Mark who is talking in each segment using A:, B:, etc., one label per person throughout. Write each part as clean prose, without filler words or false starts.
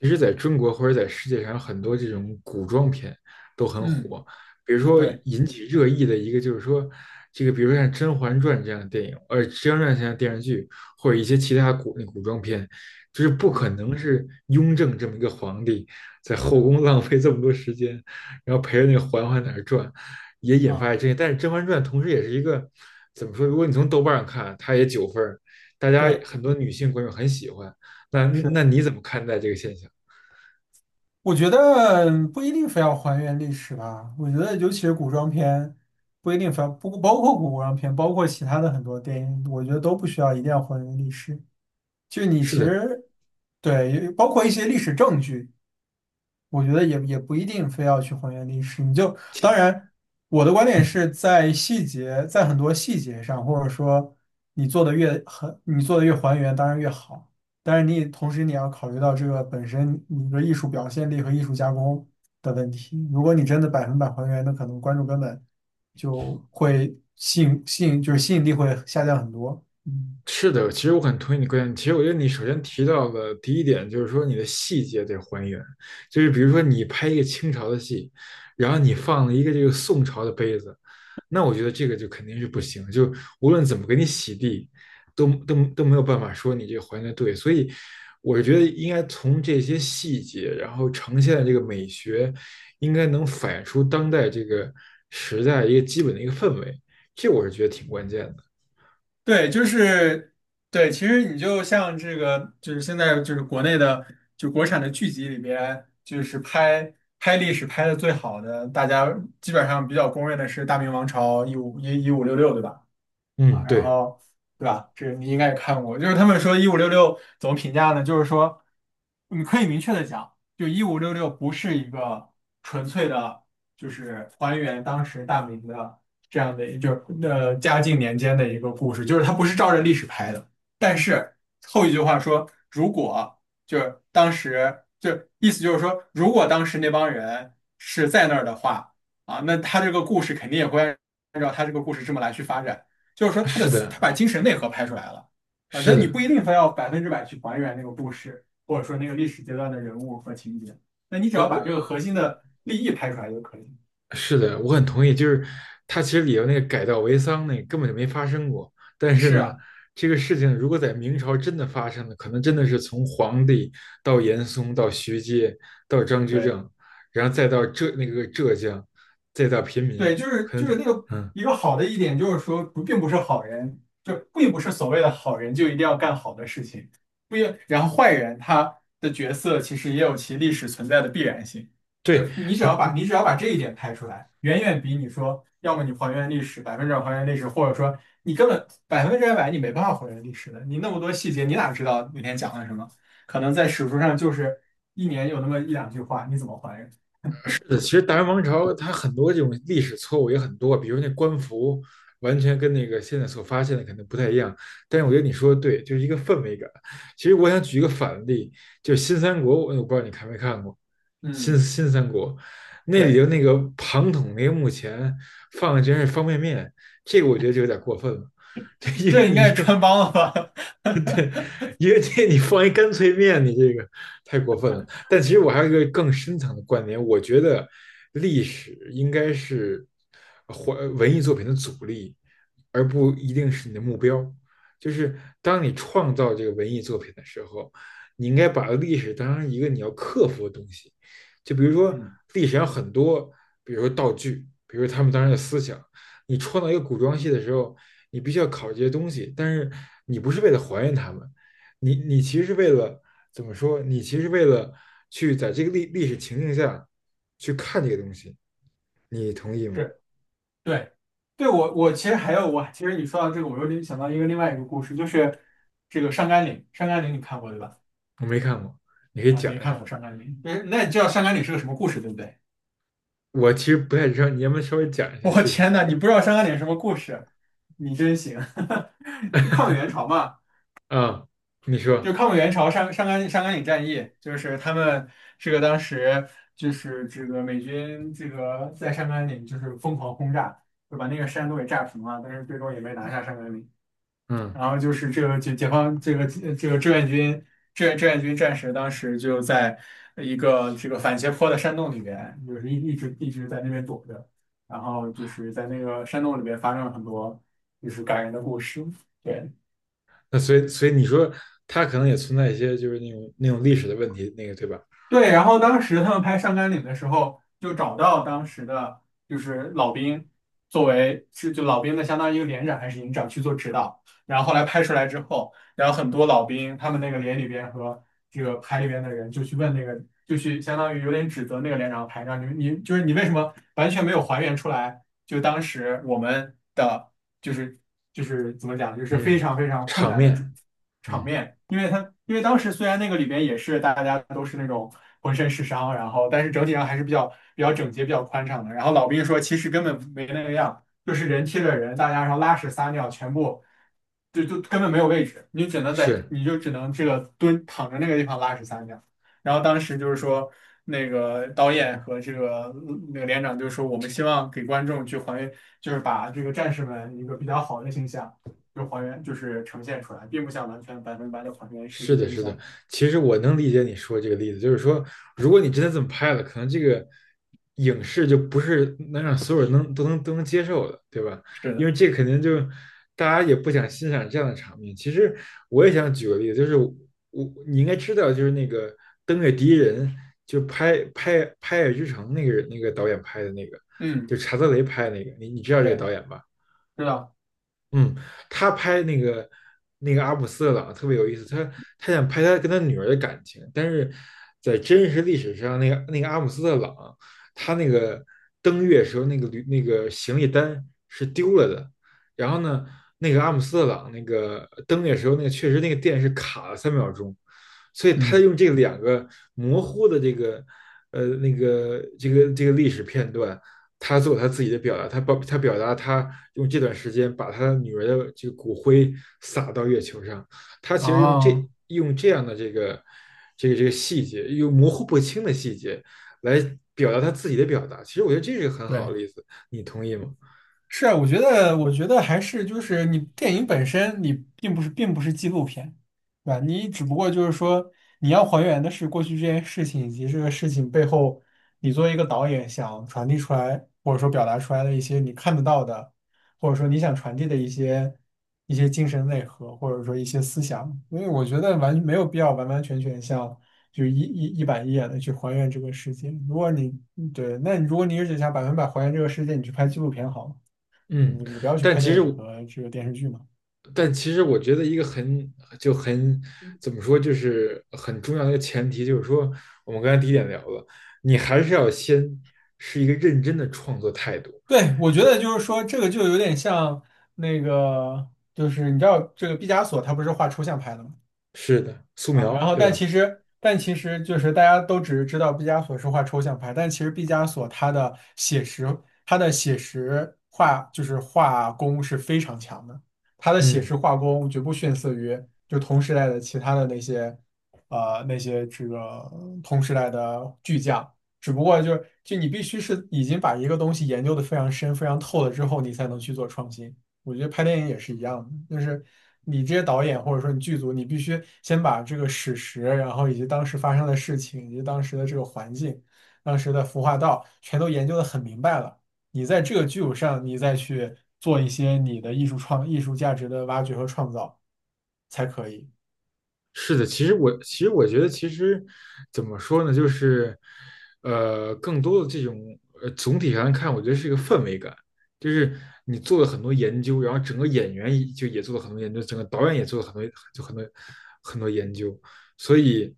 A: 其实在中国或者在世界上，很多这种古装片都很
B: 嗯，
A: 火。比如说
B: 对，
A: 引起热议的一个就是说，这个比如说像《甄嬛传》这样的电影，《甄嬛传》这样的电视剧，或者一些其他古装片，就是不可
B: 嗯
A: 能是雍正这么一个皇帝在后宫 浪费这么多时间，然后陪着那个嬛嬛在那儿转，也引发了
B: 啊，
A: 争议。但是《甄嬛传》同时也是一个怎么说？如果你从豆瓣上看啊，它也九分儿大家
B: 对，
A: 很多女性观众很喜欢。那
B: 是，
A: 你怎么看待这个现象？
B: 我觉得不一定非要还原历史吧。我觉得，尤其是古装片，不一定非要不包括古装片，包括其他的很多电影，我觉得都不需要一定要还原历史。就你
A: 是
B: 其
A: 的，
B: 实对，包括一些历史证据，我觉得也不一定非要去还原历史，你就
A: 其
B: 当然，我的观点
A: 嗯，
B: 是在细节，在很多细节上，或者说你做的越还原，当然越好。但是你也同时你要考虑到这个本身你的艺术表现力和艺术加工的问题。如果你真的百分百还原，那可能观众根本就会吸引力会下降很多。嗯。
A: 是的，其实我很同意你观点。其实我觉得你首先提到的第一点，就是说你的细节得还原，就是比如说你拍一个清朝的戏，然后你放了一个这个宋朝的杯子，那我觉得这个就肯定是不行，就无论怎么给你洗地，都没有办法说你这个还原的对。所以我是觉得应该从这些细节，然后呈现的这个美学，应该能反映出当代这个时代一个基本的一个氛围，这我是觉得挺关键的。
B: 对，就是对，其实你就像这个，就是现在就是国内的，就国产的剧集里边，就是拍历史拍的最好的，大家基本上比较公认的是《大明王朝》一五一五六六，对吧？啊，
A: 嗯，
B: 然
A: 对，
B: 后对吧？这你应该也看过，就是他们说一五六六怎么评价呢？就是说，你可以明确的讲，就一五六六不是一个纯粹的，就是还原当时大明的这样的，就是嘉靖年间的一个故事，就是它不是照着历史拍的。但是后一句话说，如果就是当时，就意思就是说，如果当时那帮人是在那儿的话，啊，那他这个故事肯定也会按照他这个故事这么来去发展。就是说
A: 是的，
B: 他把精神内核拍出来了。啊，那
A: 是
B: 你
A: 的，
B: 不一定非要百分之百去还原那个故事，或者说那个历史阶段的人物和情节，那你只
A: 我
B: 要把
A: 我
B: 这个核心的利益拍出来就可以。
A: 是的，我很同意。就是他其实里头那个改道为桑那个根本就没发生过，但是
B: 是
A: 呢，
B: 啊，
A: 这个事情如果在明朝真的发生了，可能真的是从皇帝到严嵩到徐阶到张居
B: 对。
A: 正，然后再到浙那个浙江，再到平民，
B: 对，就是
A: 可
B: 就是
A: 能
B: 那个
A: 嗯，
B: 一个好的一点，就是说不并不是好人，就并不是所谓的好人就一定要干好的事情，不一然后坏人他的角色其实也有其历史存在的必然性，就
A: 对，
B: 是你只要把这一点拍出来，远远比你说要么你还原历史百分之百还原历史，或者说你根本百分之百你没办法还原历史的，你那么多细节你哪知道那天讲了什么？可能在史书上就是一年有那么一两句话，你怎么还原？
A: 是的其实大元王朝它很多这种历史错误也很多，比如那官服完全跟那个现在所发现的可能不太一样。但是我觉得你说的对，就是一个氛围感。其实我想举一个反例，就是新三国，我不知道你看没看过新
B: 嗯，
A: 新三国，那里
B: 对，
A: 头那个庞统那个墓前放的然是方便面，这个我觉得就有点过分了。就因为
B: 这应
A: 你
B: 该是
A: 这
B: 穿帮了吧？
A: 因为这一个店你放一干脆面，你这个太过分了。但其实我还有一个更深层的观点，我觉得历史应该是或文艺作品的阻力，而不一定是你的目标。就是当你创造这个文艺作品的时候，你应该把历史当成一个你要克服的东西。就比如说
B: 嗯，
A: 历史上很多，比如说道具，比如说他们当时的思想，你创造一个古装戏的时候，你必须要考这些东西，但是你不是为了还原他们，你其实是为了怎么说？你其实是为了去在这个历史情境下去看这个东西，你同意吗？
B: 是对，对其实还有我其实你说到这个，我又联想到一个另外一个故事，就是这个上甘岭，上甘岭你看过对吧？
A: 我没看过，你可以
B: 啊，
A: 讲
B: 没
A: 一
B: 看
A: 下。
B: 过上甘岭，那你知道上甘岭是个什么故事对不对？
A: 我其实不太知道，你要不要稍微讲一 下？
B: 我
A: 谢谢
B: 天呐，你不知道上甘岭什么故事，你真行！就抗美援朝嘛，
A: 啊，你
B: 就
A: 说，
B: 抗美援朝上甘岭战役，就是他们这个当时就是这个美军这个在上甘岭就是疯狂轰炸，就把那个山都给炸平了，但是最终也没拿下上甘岭。
A: 嗯，
B: 然后就是这个解放这个这个志愿军战士，当时就在一个这个反斜坡的山洞里边，就是一直一直在那边躲着，然后就是在那个山洞里边发生了很多就是感人的故事。对。
A: 那所以你说它可能也存在一些就是那种历史的问题，那个对吧？
B: 对，然后当时他们拍上甘岭的时候，就找到当时的就是老兵，作为是就老兵的相当于一个连长还是营长去做指导。然后后来拍出来之后，然后很多老兵他们那个连里边和这个排里边的人就去问那个，就去相当于有点指责那个连长和排长，你就是你为什么完全没有还原出来？就当时我们的。就是就是怎么讲，就是非
A: 嗯，
B: 常非常困
A: 场
B: 难的主
A: 面，
B: 场
A: 嗯，
B: 面，因为他因为当时虽然那个里边也是大家都是那种浑身是伤，然后但是整体上还是比较整洁、比较宽敞的。然后老兵说，其实根本没那个样，就是人贴着人，大家然后拉屎撒尿全部。就根本没有位置，你只能在，
A: 是
B: 你就只能这个蹲躺着那个地方拉屎撒尿。然后当时就是说，那个导演和这个那个连长就说，我们希望给观众去还原，就是把这个战士们一个比较好的形象，就还原，就是呈现出来，并不想完全百分百的还原事
A: 是
B: 实
A: 的，
B: 真
A: 是的，
B: 相。
A: 其实我能理解你说这个例子，就是说，如果你真的这么拍了，可能这个影视就不是能让所有人能都能都能接受的，对吧？
B: 是
A: 因
B: 的，
A: 为这肯定就大家也不想欣赏这样的场面。其实我也想举个例子，就是我你应该知道，就是那个《登月第一人》，就拍《拍爱之城》那个人那个导演拍的那个，
B: 嗯，
A: 就查德雷拍的那个，你知道这个
B: 对，
A: 导演吧？
B: 知道，
A: 嗯，他拍那个那个阿姆斯特朗特别有意思，他他想拍他跟他女儿的感情，但是在真实历史上，那个那个阿姆斯特朗，他那个登月时候那个行李单是丢了的，然后呢，那个阿姆斯特朗那个登月时候那个确实那个电是卡了三秒钟，所以他
B: 嗯，
A: 用这两个模糊的这个这个历史片段，他做他自己的表达，他表达他用这段时间把他女儿的这个骨灰撒到月球上，他其实
B: 哦，
A: 用这样的这个这个细节，用模糊不清的细节来表达他自己的表达。其实我觉得这是个很好的
B: 对。
A: 例子，你同意吗？
B: 是，啊，我觉得，我觉得还是就是你电影本身，你并不是并不是纪录片，对吧？你只不过就是说你要还原的是过去这件事情以及这个事情背后，你作为一个导演想传递出来或者说表达出来的一些你看得到的，或者说你想传递的一些精神内核，或者说一些思想。因为我觉得没有必要完完全全像就一板一眼的去还原这个世界。如果你对，那你如果你只想百分百还原这个世界，你去拍纪录片好了。
A: 嗯，
B: 你不要去
A: 但
B: 拍
A: 其
B: 电
A: 实
B: 影和这个电视剧嘛。
A: 但
B: 嗯
A: 其实我觉得一个很怎么说，就是很重要的一个前提，就是说我们刚才第一点聊了，你还是要先是一个认真的创作态度。
B: 对，我觉得就是说，这个就有点像那个，就是你知道这个毕加索他不是画抽象派的吗？
A: 是的，素
B: 啊，然
A: 描，
B: 后
A: 对
B: 但
A: 吧？
B: 其实但其实就是大家都只是知道毕加索是画抽象派，但其实毕加索他的写实画就是画工是非常强的，他的写
A: 嗯，
B: 实画工绝不逊色于就同时代的其他的那些呃那些这个同时代的巨匠，只不过就是就你必须是已经把一个东西研究的非常深非常透了之后，你才能去做创新。我觉得拍电影也是一样的，就是你这些导演或者说你剧组，你必须先把这个史实，然后以及当时发生的事情，以及当时的这个环境、当时的服化道，全都研究的很明白了。你在这个基础上，你再去做一些你的艺术价值的挖掘和创造才可以。
A: 是的。其实我觉得，其实怎么说呢，就是更多的这种总体上看，我觉得是一个氛围感，就是你做了很多研究，然后整个演员也就也做了很多研究，整个导演也做了很多就很多很多研究，所以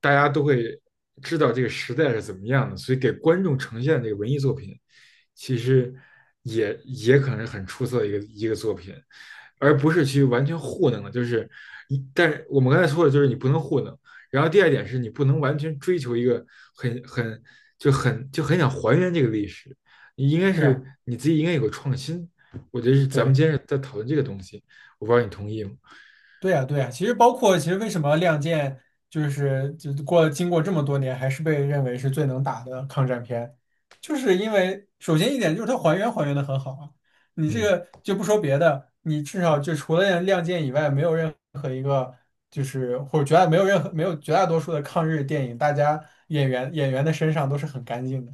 A: 大家都会知道这个时代是怎么样的，所以给观众呈现的这个文艺作品，其实也也可能是很出色的一个作品。而不是去完全糊弄了。就是一，但是我们刚才说的就是你不能糊弄。然后第二点是你不能完全追求一个很就很想还原这个历史，你应该
B: 是
A: 是
B: 啊
A: 你自己应该有个创新。我觉得是咱们
B: 对。
A: 今天在讨论这个东西，我不知道你同意吗？
B: 对呀，对呀，其实包括其实为什么《亮剑》就过经过这么多年还是被认为是最能打的抗战片，就是因为首先一点就是它还原的很好啊。你这
A: 嗯，
B: 个就不说别的，你至少就除了《亮剑》以外，没有任何一个就是或者没有任何没有绝大多数的抗日电影，大家演员的身上都是很干净的。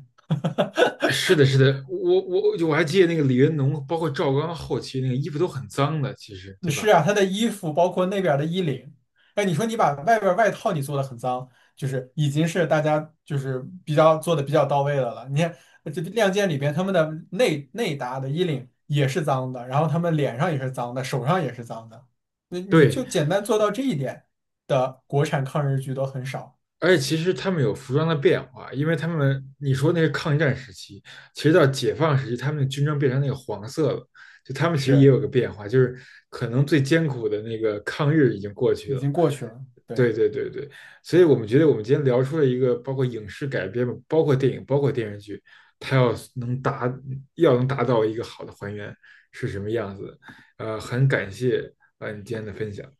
A: 是的，是的，我就我还记得那个李云龙，包括赵刚后期那个衣服都很脏的，其实
B: 嗯
A: 对
B: 是
A: 吧？
B: 啊，他的衣服包括那边儿的衣领，哎，你说你把外边儿外套你做的很脏，就是已经是大家就是比较做的比较到位的了。你看这《亮剑》里边他们的内搭的衣领也是脏的，然后他们脸上也是脏的，手上也是脏的。那你
A: 对，
B: 就简单做到这一点的国产抗日剧都很少，
A: 而且其实他们有服装的变化，因为他们你说那是抗战时期，其实到解放时期，他们的军装变成那个黄色了，就他们其实也
B: 是
A: 有个变化，就是可能最艰苦的那个抗日已经过去
B: 已
A: 了。
B: 经过去了。对。
A: 对对对对，所以我们觉得我们今天聊出了一个包括影视改编包括电影，包括电视剧，它要能达到一个好的还原是什么样子的。很感谢你今天的分享。